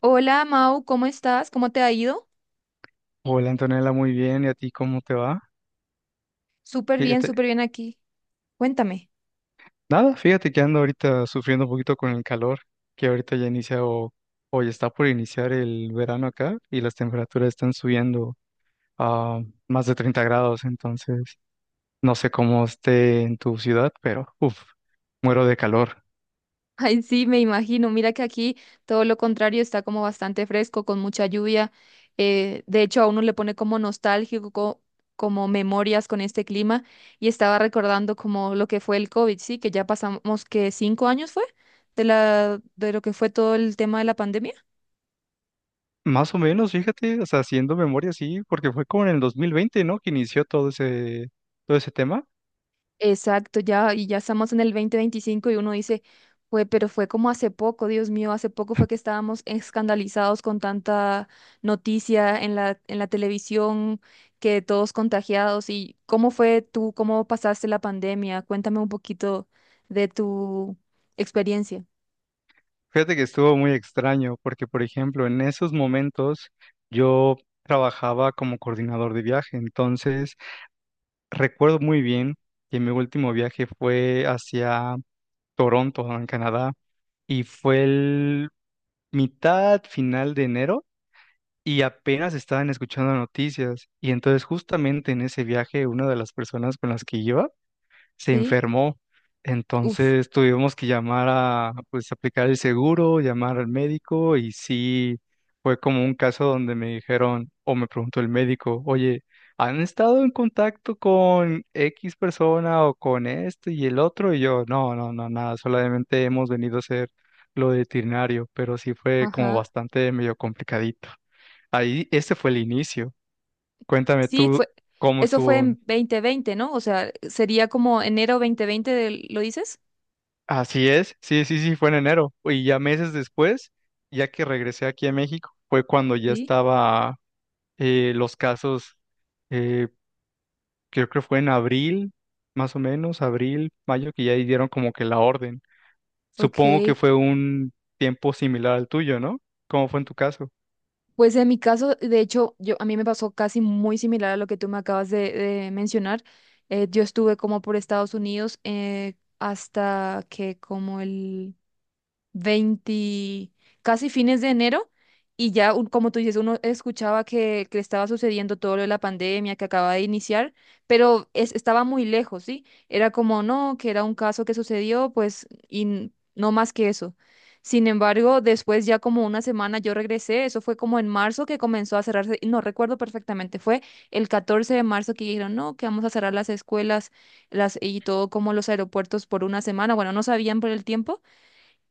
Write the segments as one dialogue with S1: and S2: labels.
S1: Hola, Mau, ¿cómo estás? ¿Cómo te ha ido?
S2: Hola Antonella, muy bien. ¿Y a ti cómo te va? Fíjate,
S1: Súper bien aquí. Cuéntame.
S2: nada, fíjate que ando ahorita sufriendo un poquito con el calor, que ahorita ya inicia o ya está por iniciar el verano acá y las temperaturas están subiendo a más de 30 grados, entonces no sé cómo esté en tu ciudad, pero uff, muero de calor.
S1: Ay, sí, me imagino. Mira que aquí todo lo contrario está como bastante fresco, con mucha lluvia. De hecho, a uno le pone como nostálgico, como memorias con este clima. Y estaba recordando como lo que fue el COVID, sí, que ya pasamos que 5 años fue de lo que fue todo el tema de la pandemia.
S2: Más o menos, fíjate, o sea, haciendo memoria, sí, porque fue como en el 2020, ¿no? Que inició todo ese tema.
S1: Exacto, ya, y ya estamos en el 2025 y uno dice, fue, pero fue como hace poco, Dios mío, hace poco fue que estábamos escandalizados con tanta noticia en la televisión, que todos contagiados. ¿Y cómo fue tú, cómo pasaste la pandemia? Cuéntame un poquito de tu experiencia.
S2: Fíjate que estuvo muy extraño porque, por ejemplo, en esos momentos yo trabajaba como coordinador de viaje, entonces recuerdo muy bien que mi último viaje fue hacia Toronto, en Canadá, y fue el mitad final de enero y apenas estaban escuchando noticias y entonces justamente en ese viaje una de las personas con las que iba se
S1: Sí,
S2: enfermó.
S1: uf,
S2: Entonces tuvimos que llamar a, pues, aplicar el seguro, llamar al médico y sí, fue como un caso donde me dijeron o me preguntó el médico, oye, ¿han estado en contacto con X persona o con esto y el otro? Y yo, no, no, no, nada, solamente hemos venido a hacer lo de veterinario, pero sí fue como
S1: ajá.
S2: bastante medio complicadito. Ahí, este fue el inicio. Cuéntame
S1: Sí,
S2: tú cómo
S1: eso fue
S2: estuvo.
S1: en 2020, ¿no? O sea, sería como enero 2020, ¿lo dices?
S2: Así es, sí, sí, sí, fue en enero. Y ya meses después, ya que regresé aquí a México, fue cuando ya
S1: Sí.
S2: estaba los casos, eh, creo que fue en abril, más o menos, abril, mayo, que ya ahí dieron como que la orden. Supongo que
S1: Ok.
S2: fue un tiempo similar al tuyo, ¿no? ¿Cómo fue en tu caso?
S1: Pues en mi caso, de hecho, a mí me pasó casi muy similar a lo que tú me acabas de mencionar. Yo estuve como por Estados Unidos hasta que como el 20, casi fines de enero, y ya, como tú dices, uno escuchaba que estaba sucediendo todo lo de la pandemia que acaba de iniciar, pero estaba muy lejos, ¿sí? Era como, no, que era un caso que sucedió, pues, y no más que eso. Sin embargo, después ya como una semana yo regresé, eso fue como en marzo que comenzó a cerrarse, no recuerdo perfectamente, fue el 14 de marzo que dijeron, no, que vamos a cerrar las escuelas las, y todo como los aeropuertos por una semana, bueno, no sabían por el tiempo,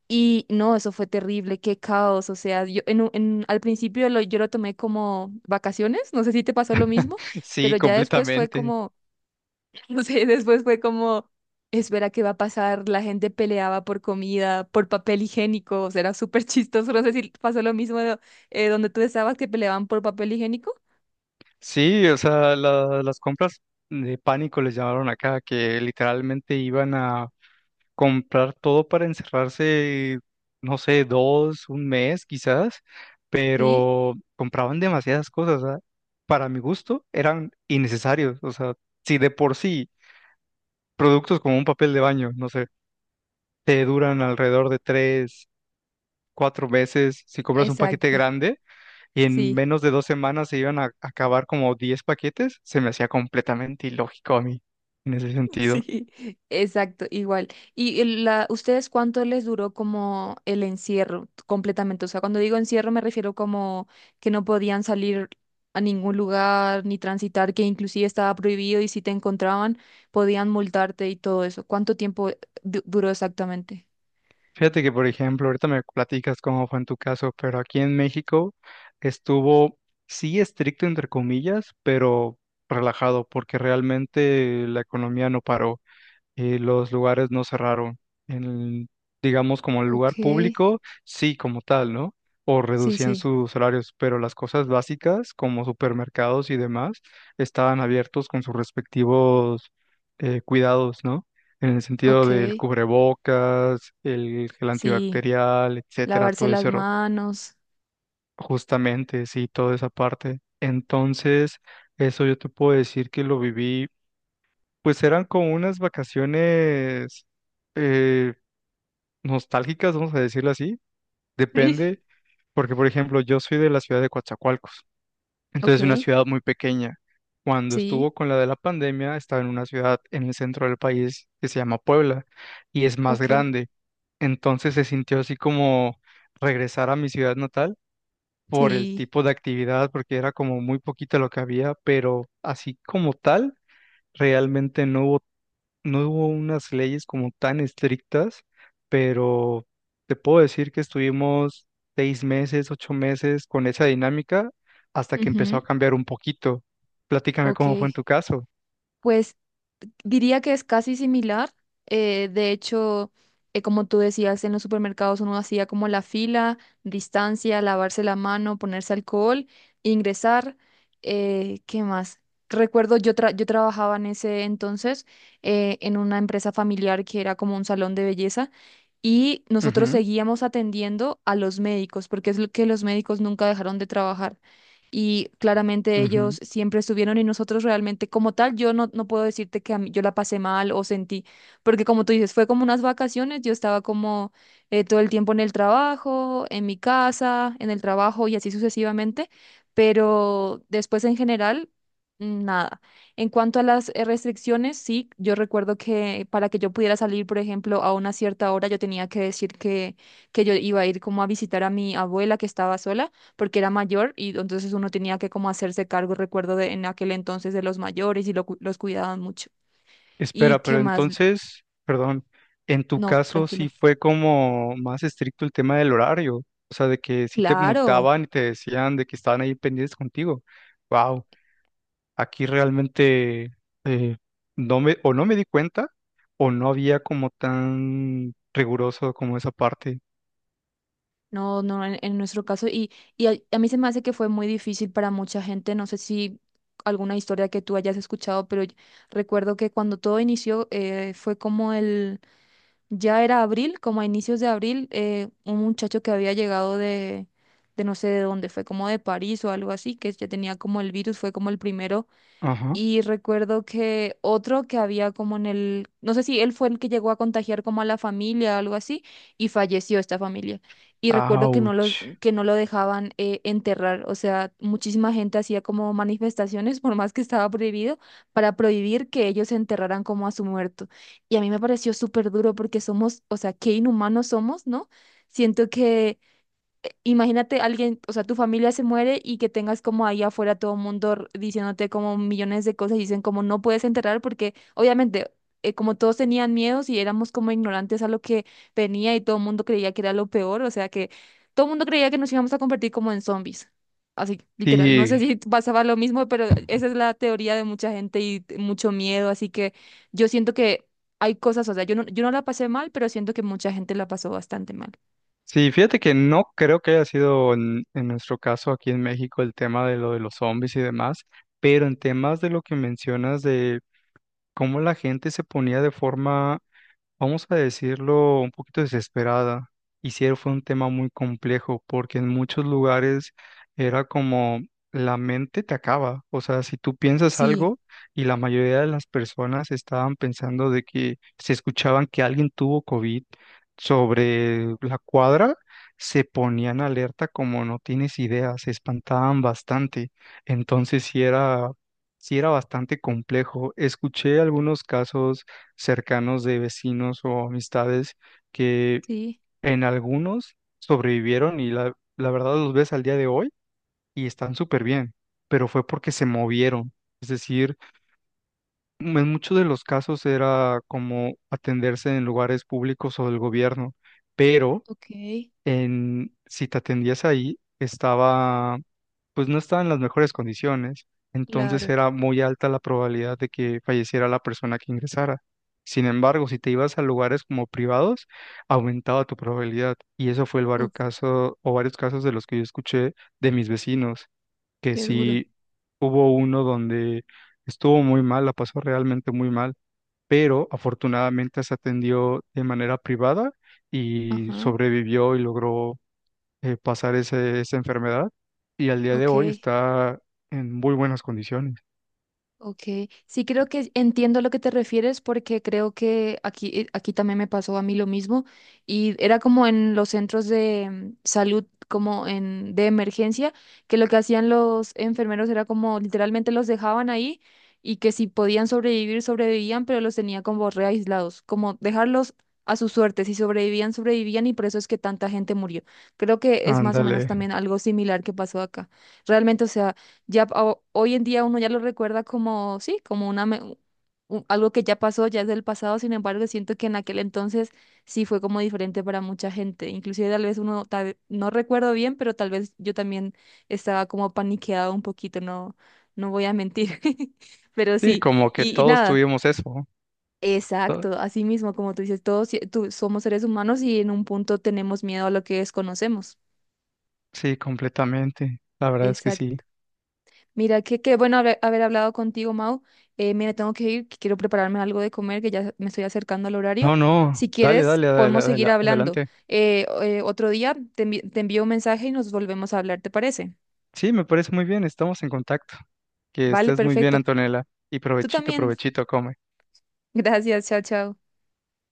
S1: y no, eso fue terrible, qué caos. O sea, yo en, un- en- al principio yo lo tomé como vacaciones, no sé si te pasó lo mismo,
S2: Sí,
S1: pero ya después fue
S2: completamente.
S1: como, no sé, después fue como, espera, ¿qué va a pasar? La gente peleaba por comida, por papel higiénico, o sea, era súper chistoso. No sé si pasó lo mismo donde tú estabas, que peleaban por papel higiénico.
S2: Sí, o sea, las compras de pánico les llamaron acá, que literalmente iban a comprar todo para encerrarse, no sé, dos, un mes quizás,
S1: Sí,
S2: pero compraban demasiadas cosas, ¿ah? Para mi gusto eran innecesarios, o sea, si de por sí productos como un papel de baño, no sé, te duran alrededor de 3, 4 meses, si compras un paquete
S1: exacto.
S2: grande y en
S1: Sí.
S2: menos de 2 semanas se iban a acabar como 10 paquetes, se me hacía completamente ilógico a mí en ese sentido.
S1: Sí, exacto, igual. ¿ Ustedes, ¿cuánto les duró como el encierro completamente? O sea, cuando digo encierro me refiero como que no podían salir a ningún lugar ni transitar, que inclusive estaba prohibido y si te encontraban podían multarte y todo eso. ¿Cuánto tiempo duró exactamente?
S2: Fíjate que, por ejemplo, ahorita me platicas cómo fue en tu caso, pero aquí en México estuvo, sí, estricto entre comillas, pero relajado, porque realmente la economía no paró y los lugares no cerraron. En, digamos, como el lugar
S1: Ok,
S2: público, sí, como tal, ¿no? O
S1: sí,
S2: reducían
S1: sí,
S2: sus horarios, pero las cosas básicas, como supermercados y demás, estaban abiertos con sus respectivos cuidados, ¿no? En el sentido
S1: ok,
S2: del cubrebocas, el gel
S1: sí,
S2: antibacterial, etcétera,
S1: lavarse
S2: todo
S1: las
S2: ese
S1: manos.
S2: justamente, sí, toda esa parte. Entonces, eso yo te puedo decir que lo viví pues eran como unas vacaciones eh, nostálgicas, vamos a decirlo así. Depende, porque por ejemplo, yo soy de la ciudad de Coatzacoalcos,
S1: Ok,
S2: entonces una ciudad muy pequeña. Cuando estuvo
S1: sí,
S2: con la de la pandemia, estaba en una ciudad en el centro del país que se llama Puebla y es más
S1: ok,
S2: grande. Entonces se sintió así como regresar a mi ciudad natal por el
S1: sí,
S2: tipo de actividad, porque era como muy poquito lo que había, pero así como tal, realmente no hubo unas leyes como tan estrictas, pero te puedo decir que estuvimos 6 meses, 8 meses con esa dinámica hasta que empezó
S1: ujú,
S2: a cambiar un poquito. Platícame
S1: ok.
S2: cómo fue en tu caso.
S1: Pues diría que es casi similar. De hecho, como tú decías, en los supermercados uno hacía como la fila, distancia, lavarse la mano, ponerse alcohol, ingresar. ¿Qué más? Recuerdo, yo trabajaba en ese entonces en una empresa familiar que era como un salón de belleza y nosotros
S2: Ujú,
S1: seguíamos atendiendo a los médicos porque es lo que los médicos nunca dejaron de trabajar y claramente
S2: ujú.
S1: ellos siempre estuvieron y nosotros realmente como tal, yo no, no puedo decirte que yo la pasé mal o sentí, porque como tú dices, fue como unas vacaciones, yo estaba como todo el tiempo en el trabajo, en mi casa, en el trabajo y así sucesivamente, pero después en general, nada. En cuanto a las restricciones, sí, yo recuerdo que para que yo pudiera salir, por ejemplo, a una cierta hora, yo tenía que decir que yo iba a ir como a visitar a mi abuela que estaba sola porque era mayor y entonces uno tenía que como hacerse cargo, recuerdo de, en aquel entonces de los mayores y los cuidaban mucho. ¿Y
S2: Espera,
S1: qué
S2: pero
S1: más?
S2: entonces, perdón, en tu
S1: No,
S2: caso sí
S1: tranquilo.
S2: fue como más estricto el tema del horario, o sea, de que sí te
S1: Claro,
S2: multaban y te decían de que estaban ahí pendientes contigo. Wow. Aquí realmente eh, no me, o no me di cuenta o no había como tan riguroso como esa parte.
S1: no, no, en nuestro caso. Y a mí se me hace que fue muy difícil para mucha gente, no sé si alguna historia que tú hayas escuchado, pero yo recuerdo que cuando todo inició fue como ya era abril, como a inicios de abril, un muchacho que había llegado de no sé de dónde, fue como de París o algo así, que ya tenía como el virus, fue como el primero.
S2: Ajá.
S1: Y recuerdo que otro que había como en el, no sé si él fue el que llegó a contagiar como a la familia o algo así, y falleció esta familia. Y recuerdo que
S2: Ouch.
S1: que no lo dejaban enterrar, o sea, muchísima gente hacía como manifestaciones, por más que estaba prohibido, para prohibir que ellos enterraran como a su muerto. Y a mí me pareció súper duro porque somos, o sea, qué inhumanos somos, ¿no? Siento. Imagínate alguien, o sea, tu familia se muere y que tengas como ahí afuera todo el mundo diciéndote como millones de cosas y dicen como no puedes enterrar porque obviamente como todos tenían miedos y éramos como ignorantes a lo que venía y todo el mundo creía que era lo peor, o sea que todo el mundo creía que nos íbamos a convertir como en zombies. Así, literal. No sé
S2: Sí,
S1: si pasaba lo mismo, pero esa es la teoría de mucha gente y mucho miedo, así que yo siento que hay cosas, o sea, yo no la pasé mal, pero siento que mucha gente la pasó bastante mal.
S2: sí, fíjate que no creo que haya sido en nuestro caso aquí en México el tema de lo de los zombies y demás, pero en temas de lo que mencionas de cómo la gente se ponía de forma vamos a decirlo, un poquito desesperada. Y sí fue un tema muy complejo porque en muchos lugares era como la mente te acaba. O sea, si tú piensas
S1: Sí,
S2: algo y la mayoría de las personas estaban pensando de que se escuchaban que alguien tuvo COVID sobre la cuadra, se ponían alerta como no tienes idea, se espantaban bastante. Entonces sí era bastante complejo. Escuché algunos casos cercanos de vecinos o amistades que
S1: sí.
S2: en algunos sobrevivieron y la verdad los ves al día de hoy y están súper bien, pero fue porque se movieron. Es decir, en muchos de los casos era como atenderse en lugares públicos o del gobierno, pero
S1: Ok,
S2: si te atendías ahí, estaba, pues no estaba en las mejores condiciones, entonces
S1: claro.
S2: era muy alta la probabilidad de que falleciera la persona que ingresara. Sin embargo, si te ibas a lugares como privados, aumentaba tu probabilidad. Y eso fue el varios
S1: Uf,
S2: casos, o varios casos de los que yo escuché de mis vecinos, que
S1: qué duro.
S2: sí hubo uno donde estuvo muy mal, la pasó realmente muy mal, pero afortunadamente se atendió de manera privada y
S1: Ajá,
S2: sobrevivió y logró pasar esa enfermedad y al día de hoy
S1: ok.
S2: está en muy buenas condiciones.
S1: Ok, sí creo que entiendo a lo que te refieres porque creo que aquí, aquí también me pasó a mí lo mismo y era como en los centros de salud como en de emergencia que lo que hacían los enfermeros era como literalmente los dejaban ahí y que si podían sobrevivir sobrevivían pero los tenía como re aislados, como dejarlos a su suerte, si sobrevivían sobrevivían y por eso es que tanta gente murió. Creo que es más o
S2: Ándale.
S1: menos también algo similar que pasó acá. Realmente, o sea... Ya hoy en día uno ya lo recuerda como, sí, como una algo que ya pasó, ya es del pasado, sin embargo, siento que en aquel entonces sí fue como diferente para mucha gente. Inclusive tal vez uno, no recuerdo bien, pero tal vez yo también estaba como paniqueada un poquito, no, no voy a mentir. Pero
S2: Sí,
S1: sí,
S2: como que
S1: y
S2: todos
S1: nada.
S2: tuvimos eso, ¿no? To-
S1: Exacto, así mismo, como tú dices, todos somos seres humanos y en un punto tenemos miedo a lo que desconocemos.
S2: Sí, completamente. La verdad es que sí.
S1: Exacto. Mira, que qué bueno haber hablado contigo, Mau. Mira, tengo que ir, que quiero prepararme algo de comer, que ya me estoy acercando al horario.
S2: No, no.
S1: Si
S2: Dale,
S1: quieres,
S2: dale,
S1: podemos seguir hablando.
S2: adelante.
S1: Otro día te envío un mensaje y nos volvemos a hablar, ¿te parece?
S2: Sí, me parece muy bien. Estamos en contacto. Que
S1: Vale,
S2: estés muy bien,
S1: perfecto.
S2: Antonella. Y
S1: Tú
S2: provechito,
S1: también.
S2: provechito, come.
S1: Gracias, chao, chao.